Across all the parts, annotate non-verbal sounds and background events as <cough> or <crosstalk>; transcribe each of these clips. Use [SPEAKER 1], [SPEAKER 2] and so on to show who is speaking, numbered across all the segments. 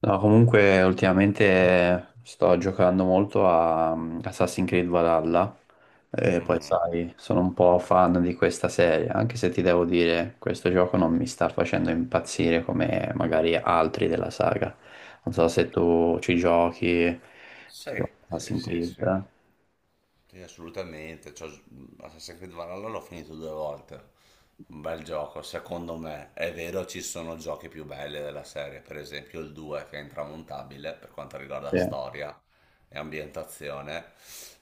[SPEAKER 1] No, comunque ultimamente sto giocando molto a Assassin's Creed Valhalla e poi
[SPEAKER 2] Mhm.
[SPEAKER 1] sai, sono un po' fan di questa serie, anche se ti devo dire, questo gioco non mi sta facendo impazzire come magari altri della saga. Non so se tu ci giochi,
[SPEAKER 2] Sì,
[SPEAKER 1] ti giochi
[SPEAKER 2] sì,
[SPEAKER 1] Assassin's
[SPEAKER 2] sì,
[SPEAKER 1] Creed,
[SPEAKER 2] sì.
[SPEAKER 1] eh?
[SPEAKER 2] Sì, assolutamente. Cioè, Assassin's Creed Valhalla l'ho finito due volte. Un bel gioco, secondo me. È vero, ci sono giochi più belli della serie, per esempio il 2, che è intramontabile per quanto riguarda
[SPEAKER 1] Sì.
[SPEAKER 2] storia e ambientazione.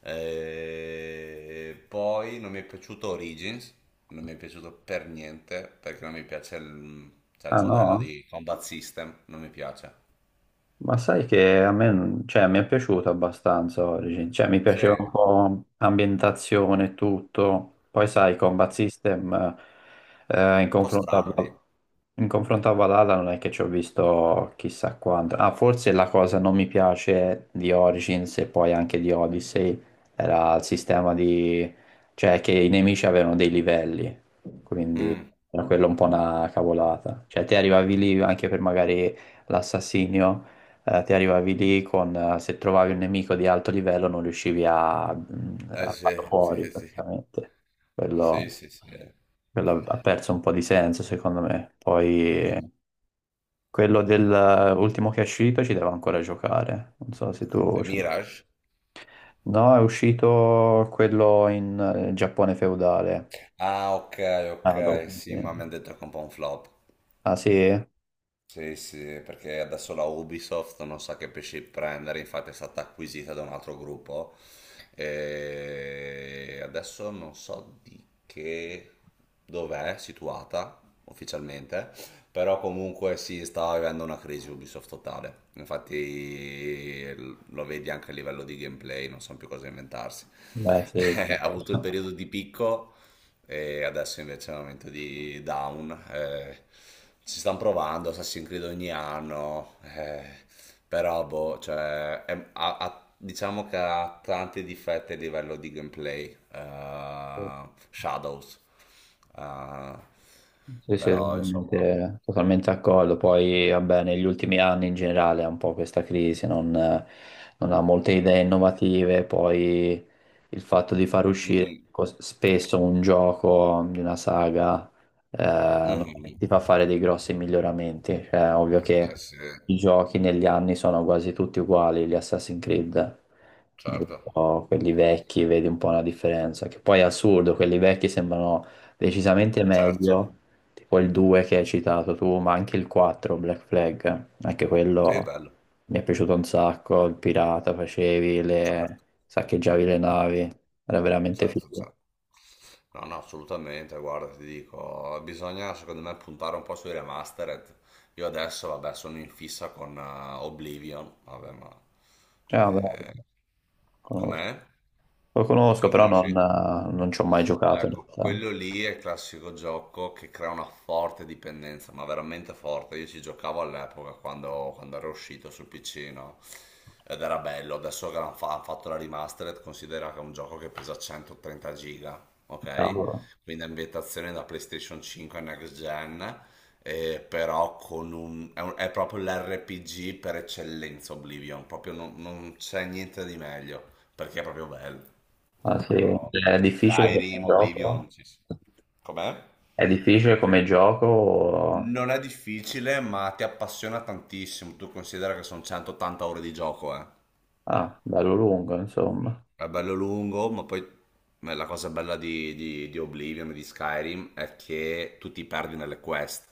[SPEAKER 2] E poi non mi è piaciuto Origins, non mi è piaciuto per niente perché non mi piace cioè, il
[SPEAKER 1] Ah
[SPEAKER 2] modello
[SPEAKER 1] no?
[SPEAKER 2] di combat system, non mi piace.
[SPEAKER 1] Ma sai che a me, cioè, mi è piaciuto abbastanza Origin, cioè mi
[SPEAKER 2] Sì,
[SPEAKER 1] piaceva un
[SPEAKER 2] un
[SPEAKER 1] po' l'ambientazione e tutto, poi sai, Combat System eh, in
[SPEAKER 2] po'
[SPEAKER 1] confronto a,
[SPEAKER 2] strano lì.
[SPEAKER 1] Val- in confronto a Valhalla non è che ci ho visto chissà quanto, ah forse la cosa non mi piace di Origins e poi anche di Odyssey era il sistema di, cioè che i nemici avevano dei livelli, quindi
[SPEAKER 2] Mm.
[SPEAKER 1] era quello un po' una cavolata, cioè te arrivavi lì anche per magari l'assassinio. Ti arrivavi lì con, se trovavi un nemico di alto livello non riuscivi a, mh,
[SPEAKER 2] Eh
[SPEAKER 1] a farlo
[SPEAKER 2] sì,
[SPEAKER 1] fuori
[SPEAKER 2] sì, sì.
[SPEAKER 1] praticamente.
[SPEAKER 2] Sì,
[SPEAKER 1] Quello.
[SPEAKER 2] sì, sì.
[SPEAKER 1] Quello ha perso un po' di senso secondo me. Poi
[SPEAKER 2] Mm.
[SPEAKER 1] quello dell'ultimo che è uscito ci devo ancora giocare. Non so se tu,
[SPEAKER 2] E
[SPEAKER 1] cioè,
[SPEAKER 2] Mirage?
[SPEAKER 1] no, è uscito quello in Giappone feudale.
[SPEAKER 2] Ah, ok,
[SPEAKER 1] Ah, dopo,
[SPEAKER 2] ok,
[SPEAKER 1] mi
[SPEAKER 2] sì, ma mi
[SPEAKER 1] sembra.
[SPEAKER 2] hanno detto che è un po' un flop.
[SPEAKER 1] Ah sì?
[SPEAKER 2] Sì, sì, perché adesso la Ubisoft non sa che pesci prendere, infatti è stata acquisita da un altro gruppo e adesso non so di che dov'è situata ufficialmente, però comunque si sta vivendo una crisi Ubisoft totale. Infatti lo vedi anche a livello di gameplay, non sanno più cosa inventarsi.
[SPEAKER 1] Beh sì.
[SPEAKER 2] <laughs> Ha
[SPEAKER 1] Chiaro.
[SPEAKER 2] avuto il periodo di picco e adesso invece è il momento di Down. Ci stanno provando Assassin's Creed ogni anno, però boh, cioè, diciamo che ha tanti difetti a livello di gameplay,
[SPEAKER 1] <laughs>
[SPEAKER 2] Shadows, eh,
[SPEAKER 1] Sì, sì,
[SPEAKER 2] però insomma.
[SPEAKER 1] totalmente, totalmente d'accordo. Poi, vabbè, negli ultimi anni in generale è un po' questa crisi, non ha molte idee innovative. Poi il fatto di far
[SPEAKER 2] Mm,
[SPEAKER 1] uscire
[SPEAKER 2] mm,
[SPEAKER 1] spesso un gioco di una saga
[SPEAKER 2] mm,
[SPEAKER 1] eh,
[SPEAKER 2] mm,
[SPEAKER 1] ti
[SPEAKER 2] mm.
[SPEAKER 1] fa fare dei grossi miglioramenti. Cioè, ovvio che
[SPEAKER 2] Eh sì,
[SPEAKER 1] i giochi negli anni sono quasi tutti uguali, gli Assassin's Creed,
[SPEAKER 2] certo,
[SPEAKER 1] giusto? Quelli vecchi, vedi un po' la differenza, che poi è assurdo, quelli vecchi sembrano decisamente
[SPEAKER 2] certo,
[SPEAKER 1] meglio tipo il 2 che hai citato tu, ma anche il 4, Black Flag, anche
[SPEAKER 2] sì,
[SPEAKER 1] quello
[SPEAKER 2] bello,
[SPEAKER 1] mi è piaciuto un sacco, il pirata facevi,
[SPEAKER 2] certo,
[SPEAKER 1] saccheggiavi le navi, era veramente
[SPEAKER 2] certo,
[SPEAKER 1] figo.
[SPEAKER 2] certo. No, no, assolutamente, guarda, ti dico, bisogna secondo me puntare un po' sui remastered. Io adesso, vabbè, sono in fissa con Oblivion, vabbè, ma.
[SPEAKER 1] Cioè, vabbè,
[SPEAKER 2] eh,
[SPEAKER 1] conosco,
[SPEAKER 2] Com'è?
[SPEAKER 1] Lo conosco,
[SPEAKER 2] Lo
[SPEAKER 1] però non,
[SPEAKER 2] conosci?
[SPEAKER 1] non ci ho mai giocato in
[SPEAKER 2] Ecco,
[SPEAKER 1] realtà.
[SPEAKER 2] quello lì è il classico gioco che crea una forte dipendenza, ma veramente forte. Io ci giocavo all'epoca quando era uscito sul PC, no? Ed era bello. Adesso che hanno fatto la remastered, considera che è un gioco che pesa 130 giga, ok?
[SPEAKER 1] Cavolo.
[SPEAKER 2] Quindi è ambientazione da PlayStation 5 e Next Gen, però con un- è proprio l'RPG per eccellenza Oblivion, proprio non c'è niente di meglio, perché è proprio bello. Cioè,
[SPEAKER 1] Ah, sì.
[SPEAKER 2] proprio
[SPEAKER 1] È difficile come
[SPEAKER 2] Skyrim,
[SPEAKER 1] gioco?
[SPEAKER 2] Oblivion, sì, sì. Com'è?
[SPEAKER 1] È difficile come gioco?
[SPEAKER 2] Non è difficile, ma ti appassiona tantissimo. Tu considera che sono 180 ore di gioco, eh.
[SPEAKER 1] Ah, bello lungo, insomma.
[SPEAKER 2] È bello lungo, ma la cosa bella di Oblivion e di Skyrim è che tu ti perdi nelle quest.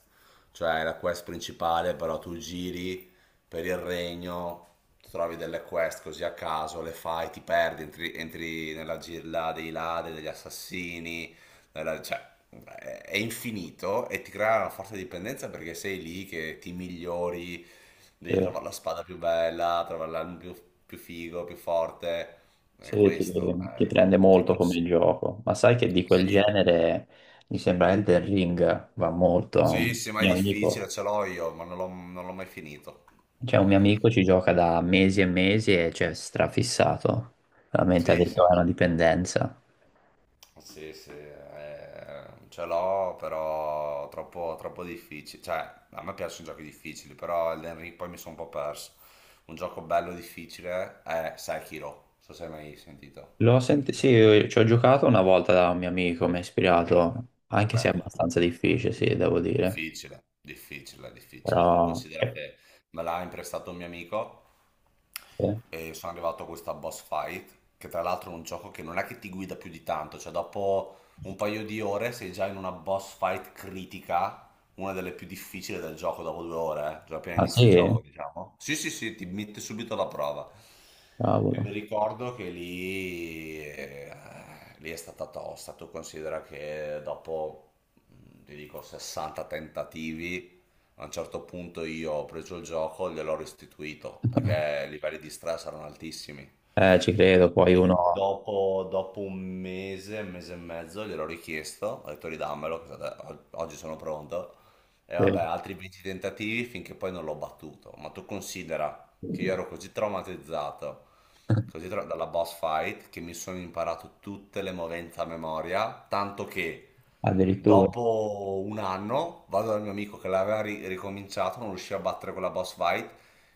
[SPEAKER 2] Cioè, la quest principale, però tu giri per il regno, trovi delle quest così a caso, le fai, ti perdi, entri nella gilla dei ladri, degli assassini, cioè, è infinito e ti crea una forte dipendenza perché sei lì che ti migliori,
[SPEAKER 1] Sì.
[SPEAKER 2] devi trovare la spada più bella, trovare l'arma più figo, più forte. È
[SPEAKER 1] Sì,
[SPEAKER 2] questo,
[SPEAKER 1] ti prende
[SPEAKER 2] ti
[SPEAKER 1] molto
[SPEAKER 2] cons-
[SPEAKER 1] come gioco, ma sai che di quel
[SPEAKER 2] sì,
[SPEAKER 1] genere mi sembra Elden Ring va molto. Un
[SPEAKER 2] sì, sì, ma è
[SPEAKER 1] mio
[SPEAKER 2] difficile,
[SPEAKER 1] amico,
[SPEAKER 2] ce l'ho io, ma non l'ho mai finito.
[SPEAKER 1] cioè un mio amico ci gioca da mesi e mesi e c'è strafissato. Veramente ha
[SPEAKER 2] Sì,
[SPEAKER 1] detto
[SPEAKER 2] sì,
[SPEAKER 1] "Ah, è una dipendenza."
[SPEAKER 2] sì, sì, ce l'ho, però troppo, troppo difficile. Cioè, a me piacciono i giochi difficili, però Elden Ring poi mi sono un po' perso. Un gioco bello difficile è Sekiro, non so se hai mai sentito.
[SPEAKER 1] Sì, io ci ho giocato una volta da un mio amico, mi ha ispirato, anche se è
[SPEAKER 2] Bello.
[SPEAKER 1] abbastanza difficile, sì, devo dire.
[SPEAKER 2] Difficile, difficile, difficile. Tu
[SPEAKER 1] Però...
[SPEAKER 2] considera
[SPEAKER 1] eh,
[SPEAKER 2] che me l'ha imprestato un mio amico e sono arrivato a questa boss fight, che tra l'altro è un gioco che non è che ti guida più di tanto, cioè dopo un paio di ore sei già in una boss fight critica, una delle più difficili del gioco dopo 2 ore, già appena
[SPEAKER 1] Ah
[SPEAKER 2] inizia il
[SPEAKER 1] sì?
[SPEAKER 2] gioco, diciamo. Sì, sì, sì, ti mette subito alla prova. E
[SPEAKER 1] Cavolo.
[SPEAKER 2] mi ricordo che lì è stata tosta. Tu considera che dopo, ti dico, 60 tentativi, a un certo punto io ho preso il gioco e gliel'ho restituito, perché i livelli di stress erano altissimi.
[SPEAKER 1] Ci credo, poi
[SPEAKER 2] E
[SPEAKER 1] uno.
[SPEAKER 2] dopo un mese e mezzo gliel'ho richiesto, ho detto ridammelo, che oggi sono pronto. E
[SPEAKER 1] Sì.
[SPEAKER 2] vabbè, altri 20 tentativi finché poi non l'ho battuto. Ma tu considera che io ero così traumatizzato,
[SPEAKER 1] <laughs>
[SPEAKER 2] dalla boss fight, che mi sono imparato tutte le movenze a memoria, tanto che
[SPEAKER 1] Addirittura.
[SPEAKER 2] dopo un anno vado dal mio amico che l'aveva ricominciato, non riusciva a battere quella boss fight,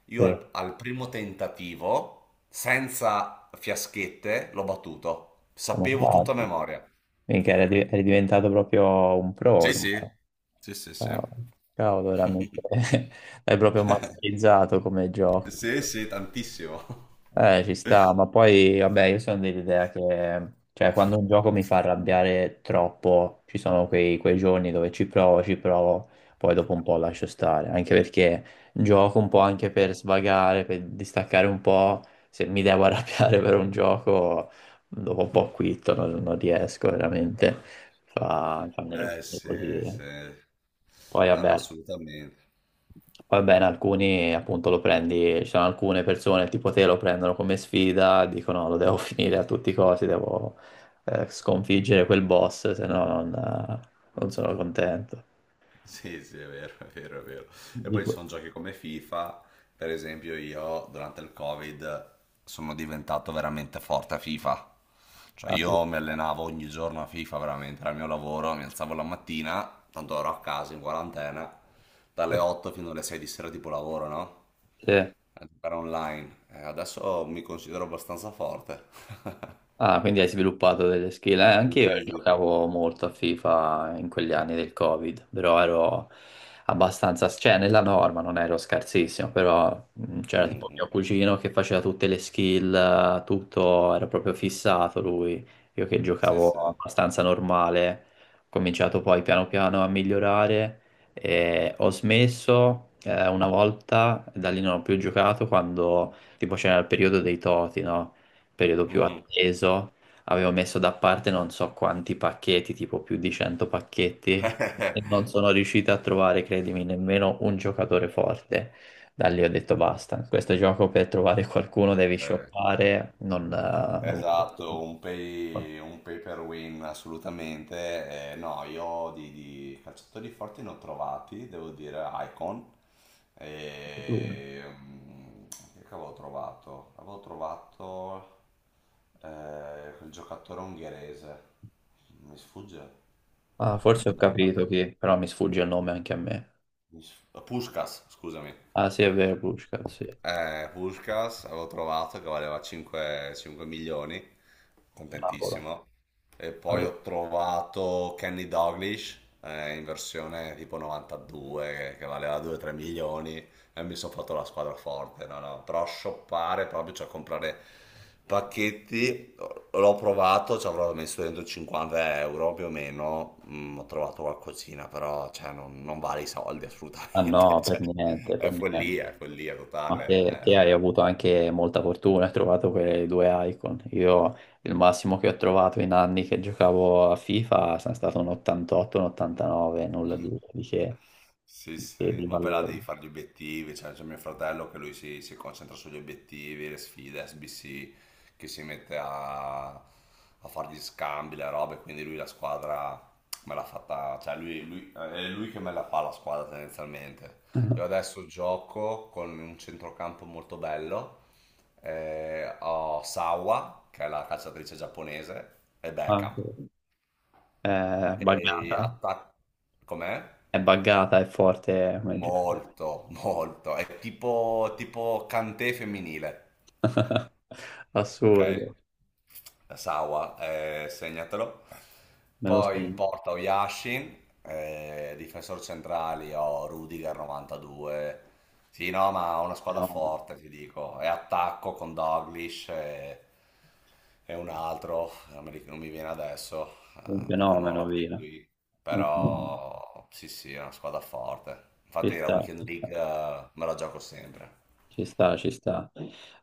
[SPEAKER 2] io
[SPEAKER 1] Sì.
[SPEAKER 2] al primo tentativo, senza fiaschette, l'ho battuto.
[SPEAKER 1] Come hai
[SPEAKER 2] Sapevo tutta a
[SPEAKER 1] fatto?
[SPEAKER 2] memoria.
[SPEAKER 1] Mica eri, eri diventato proprio un pro
[SPEAKER 2] Sì,
[SPEAKER 1] ormai.
[SPEAKER 2] sì, sì, sì, sì.
[SPEAKER 1] Ciao. Cavolo, veramente. <laughs> L'hai proprio
[SPEAKER 2] <laughs>
[SPEAKER 1] masterizzato come gioco.
[SPEAKER 2] Sì, sì, tantissimo.
[SPEAKER 1] Ci sta, ma
[SPEAKER 2] <laughs>
[SPEAKER 1] poi, vabbè, io sono dell'idea che, cioè, quando un gioco mi fa arrabbiare troppo, ci sono quei giorni dove ci provo, poi dopo un po' lascio stare, anche perché gioco un po' anche per svagare, per distaccare un po', se mi devo arrabbiare <laughs> per un gioco, dopo un po' quitto, non riesco veramente, fa
[SPEAKER 2] Eh
[SPEAKER 1] nervoso
[SPEAKER 2] sì,
[SPEAKER 1] così.
[SPEAKER 2] sì,
[SPEAKER 1] Poi,
[SPEAKER 2] no, no,
[SPEAKER 1] vabbè.
[SPEAKER 2] assolutamente.
[SPEAKER 1] Va bene, alcuni appunto lo prendi, ci sono alcune persone tipo te lo prendono come sfida, dicono lo devo <laughs> finire a tutti i costi, devo sconfiggere quel boss, se no non sono contento.
[SPEAKER 2] Sì, sì, è vero, è vero, è vero. E
[SPEAKER 1] Di
[SPEAKER 2] poi ci
[SPEAKER 1] que-
[SPEAKER 2] sono giochi come FIFA, per esempio io durante il Covid sono diventato veramente forte a FIFA. Cioè
[SPEAKER 1] ah, sì.
[SPEAKER 2] io mi allenavo ogni giorno a FIFA veramente, era il mio lavoro, mi alzavo la mattina, tanto ero a casa in quarantena, dalle 8 fino alle 6 di sera tipo lavoro, no?
[SPEAKER 1] Sì.
[SPEAKER 2] A giocare online. Adesso mi considero abbastanza forte. <laughs>
[SPEAKER 1] Ah, quindi hai sviluppato delle skill.
[SPEAKER 2] Sì,
[SPEAKER 1] Anche io
[SPEAKER 2] sì.
[SPEAKER 1] giocavo molto a FIFA in quegli anni del Covid, però ero abbastanza, cioè nella norma non ero scarsissimo, però c'era
[SPEAKER 2] Mm,
[SPEAKER 1] tipo mio
[SPEAKER 2] mm.
[SPEAKER 1] cugino che faceva tutte le skill, tutto, era proprio fissato lui. Io che
[SPEAKER 2] Sì,
[SPEAKER 1] giocavo
[SPEAKER 2] sì.
[SPEAKER 1] abbastanza normale, ho cominciato poi piano piano a migliorare e ho smesso una volta, da lì non ho più giocato quando tipo c'era il periodo dei Toti, no? Periodo più
[SPEAKER 2] Mhm.
[SPEAKER 1] atteso, avevo messo da parte non so quanti pacchetti, tipo più di 100 pacchetti, e non sono riuscito a trovare, credimi, nemmeno un giocatore forte. Da lì ho detto basta, in questo gioco per trovare qualcuno devi
[SPEAKER 2] Eh,
[SPEAKER 1] shoppare, non voglio
[SPEAKER 2] Esatto,
[SPEAKER 1] più.
[SPEAKER 2] un pay per win assolutamente. No, io di calciatori forti ne ho trovati, devo dire Icon.
[SPEAKER 1] Tu?
[SPEAKER 2] E, che avevo trovato? Avevo trovato quel giocatore ungherese, mi sfugge.
[SPEAKER 1] Ah, forse ho
[SPEAKER 2] Da-
[SPEAKER 1] capito chi, però mi sfugge il nome anche a me.
[SPEAKER 2] Puskás, scusami.
[SPEAKER 1] Ah sì, è vero, Pushka, sì.
[SPEAKER 2] Puskás avevo trovato che valeva 5 milioni,
[SPEAKER 1] Cavolo.
[SPEAKER 2] contentissimo. E poi ho trovato Kenny Doglish in versione tipo 92 che valeva 2-3 milioni e mi sono fatto la squadra forte, no, no, però shoppare proprio, cioè comprare pacchetti, l'ho provato, ci avrò messo dentro 50 euro più o meno, ho trovato qualcosina, però cioè, non vale i soldi
[SPEAKER 1] Ah
[SPEAKER 2] assolutamente, <laughs>
[SPEAKER 1] no, per
[SPEAKER 2] cioè,
[SPEAKER 1] niente, per niente.
[SPEAKER 2] è follia
[SPEAKER 1] Ma
[SPEAKER 2] totale,
[SPEAKER 1] te, te hai
[SPEAKER 2] vabbè.
[SPEAKER 1] avuto anche molta fortuna, hai trovato quelle due icon. Io il massimo che ho trovato in anni che giocavo a FIFA sono stato un 88, un 89, nulla di, che,
[SPEAKER 2] Sì,
[SPEAKER 1] di,
[SPEAKER 2] sì,
[SPEAKER 1] di
[SPEAKER 2] ma poi là
[SPEAKER 1] valore.
[SPEAKER 2] devi fare gli obiettivi, cioè c'è mio fratello che lui si concentra sugli obiettivi, le sfide SBC, che si mette a fare gli scambi, le robe, quindi lui la squadra me l'ha fatta, cioè è lui che me la fa la squadra tendenzialmente. Io
[SPEAKER 1] <laughs>
[SPEAKER 2] adesso gioco con un centrocampo molto bello, ho Sawa, che è la calciatrice giapponese, e Beckham,
[SPEAKER 1] Anche, è
[SPEAKER 2] e
[SPEAKER 1] buggata,
[SPEAKER 2] attacco. Com'è?
[SPEAKER 1] è buggata, è forte come gioco.
[SPEAKER 2] Molto, molto. È tipo Kanté femminile,
[SPEAKER 1] <laughs>
[SPEAKER 2] ok?
[SPEAKER 1] Assurdo,
[SPEAKER 2] Sawa, segnatelo.
[SPEAKER 1] me lo
[SPEAKER 2] Poi in
[SPEAKER 1] segno.
[SPEAKER 2] porta ho Yashin, difensori centrali ho Rudiger 92. Sì, no, ma ho una squadra
[SPEAKER 1] Fenomeno.
[SPEAKER 2] forte, ti dico. E attacco con Doglish e un altro, non mi viene adesso,
[SPEAKER 1] Un
[SPEAKER 2] perché non ho
[SPEAKER 1] fenomeno,
[SPEAKER 2] la play
[SPEAKER 1] via.
[SPEAKER 2] qui.
[SPEAKER 1] Un fenomeno.
[SPEAKER 2] Però sì, sì, è una squadra forte.
[SPEAKER 1] Ci
[SPEAKER 2] Infatti la
[SPEAKER 1] sta,
[SPEAKER 2] Weekend
[SPEAKER 1] ci sta.
[SPEAKER 2] League me la gioco sempre.
[SPEAKER 1] Ci sta, ci sta.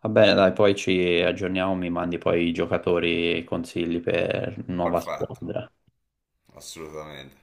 [SPEAKER 1] Vabbè, dai, poi ci aggiorniamo, mi mandi poi i giocatori e i consigli per nuova
[SPEAKER 2] Perfetto,
[SPEAKER 1] squadra.
[SPEAKER 2] assolutamente.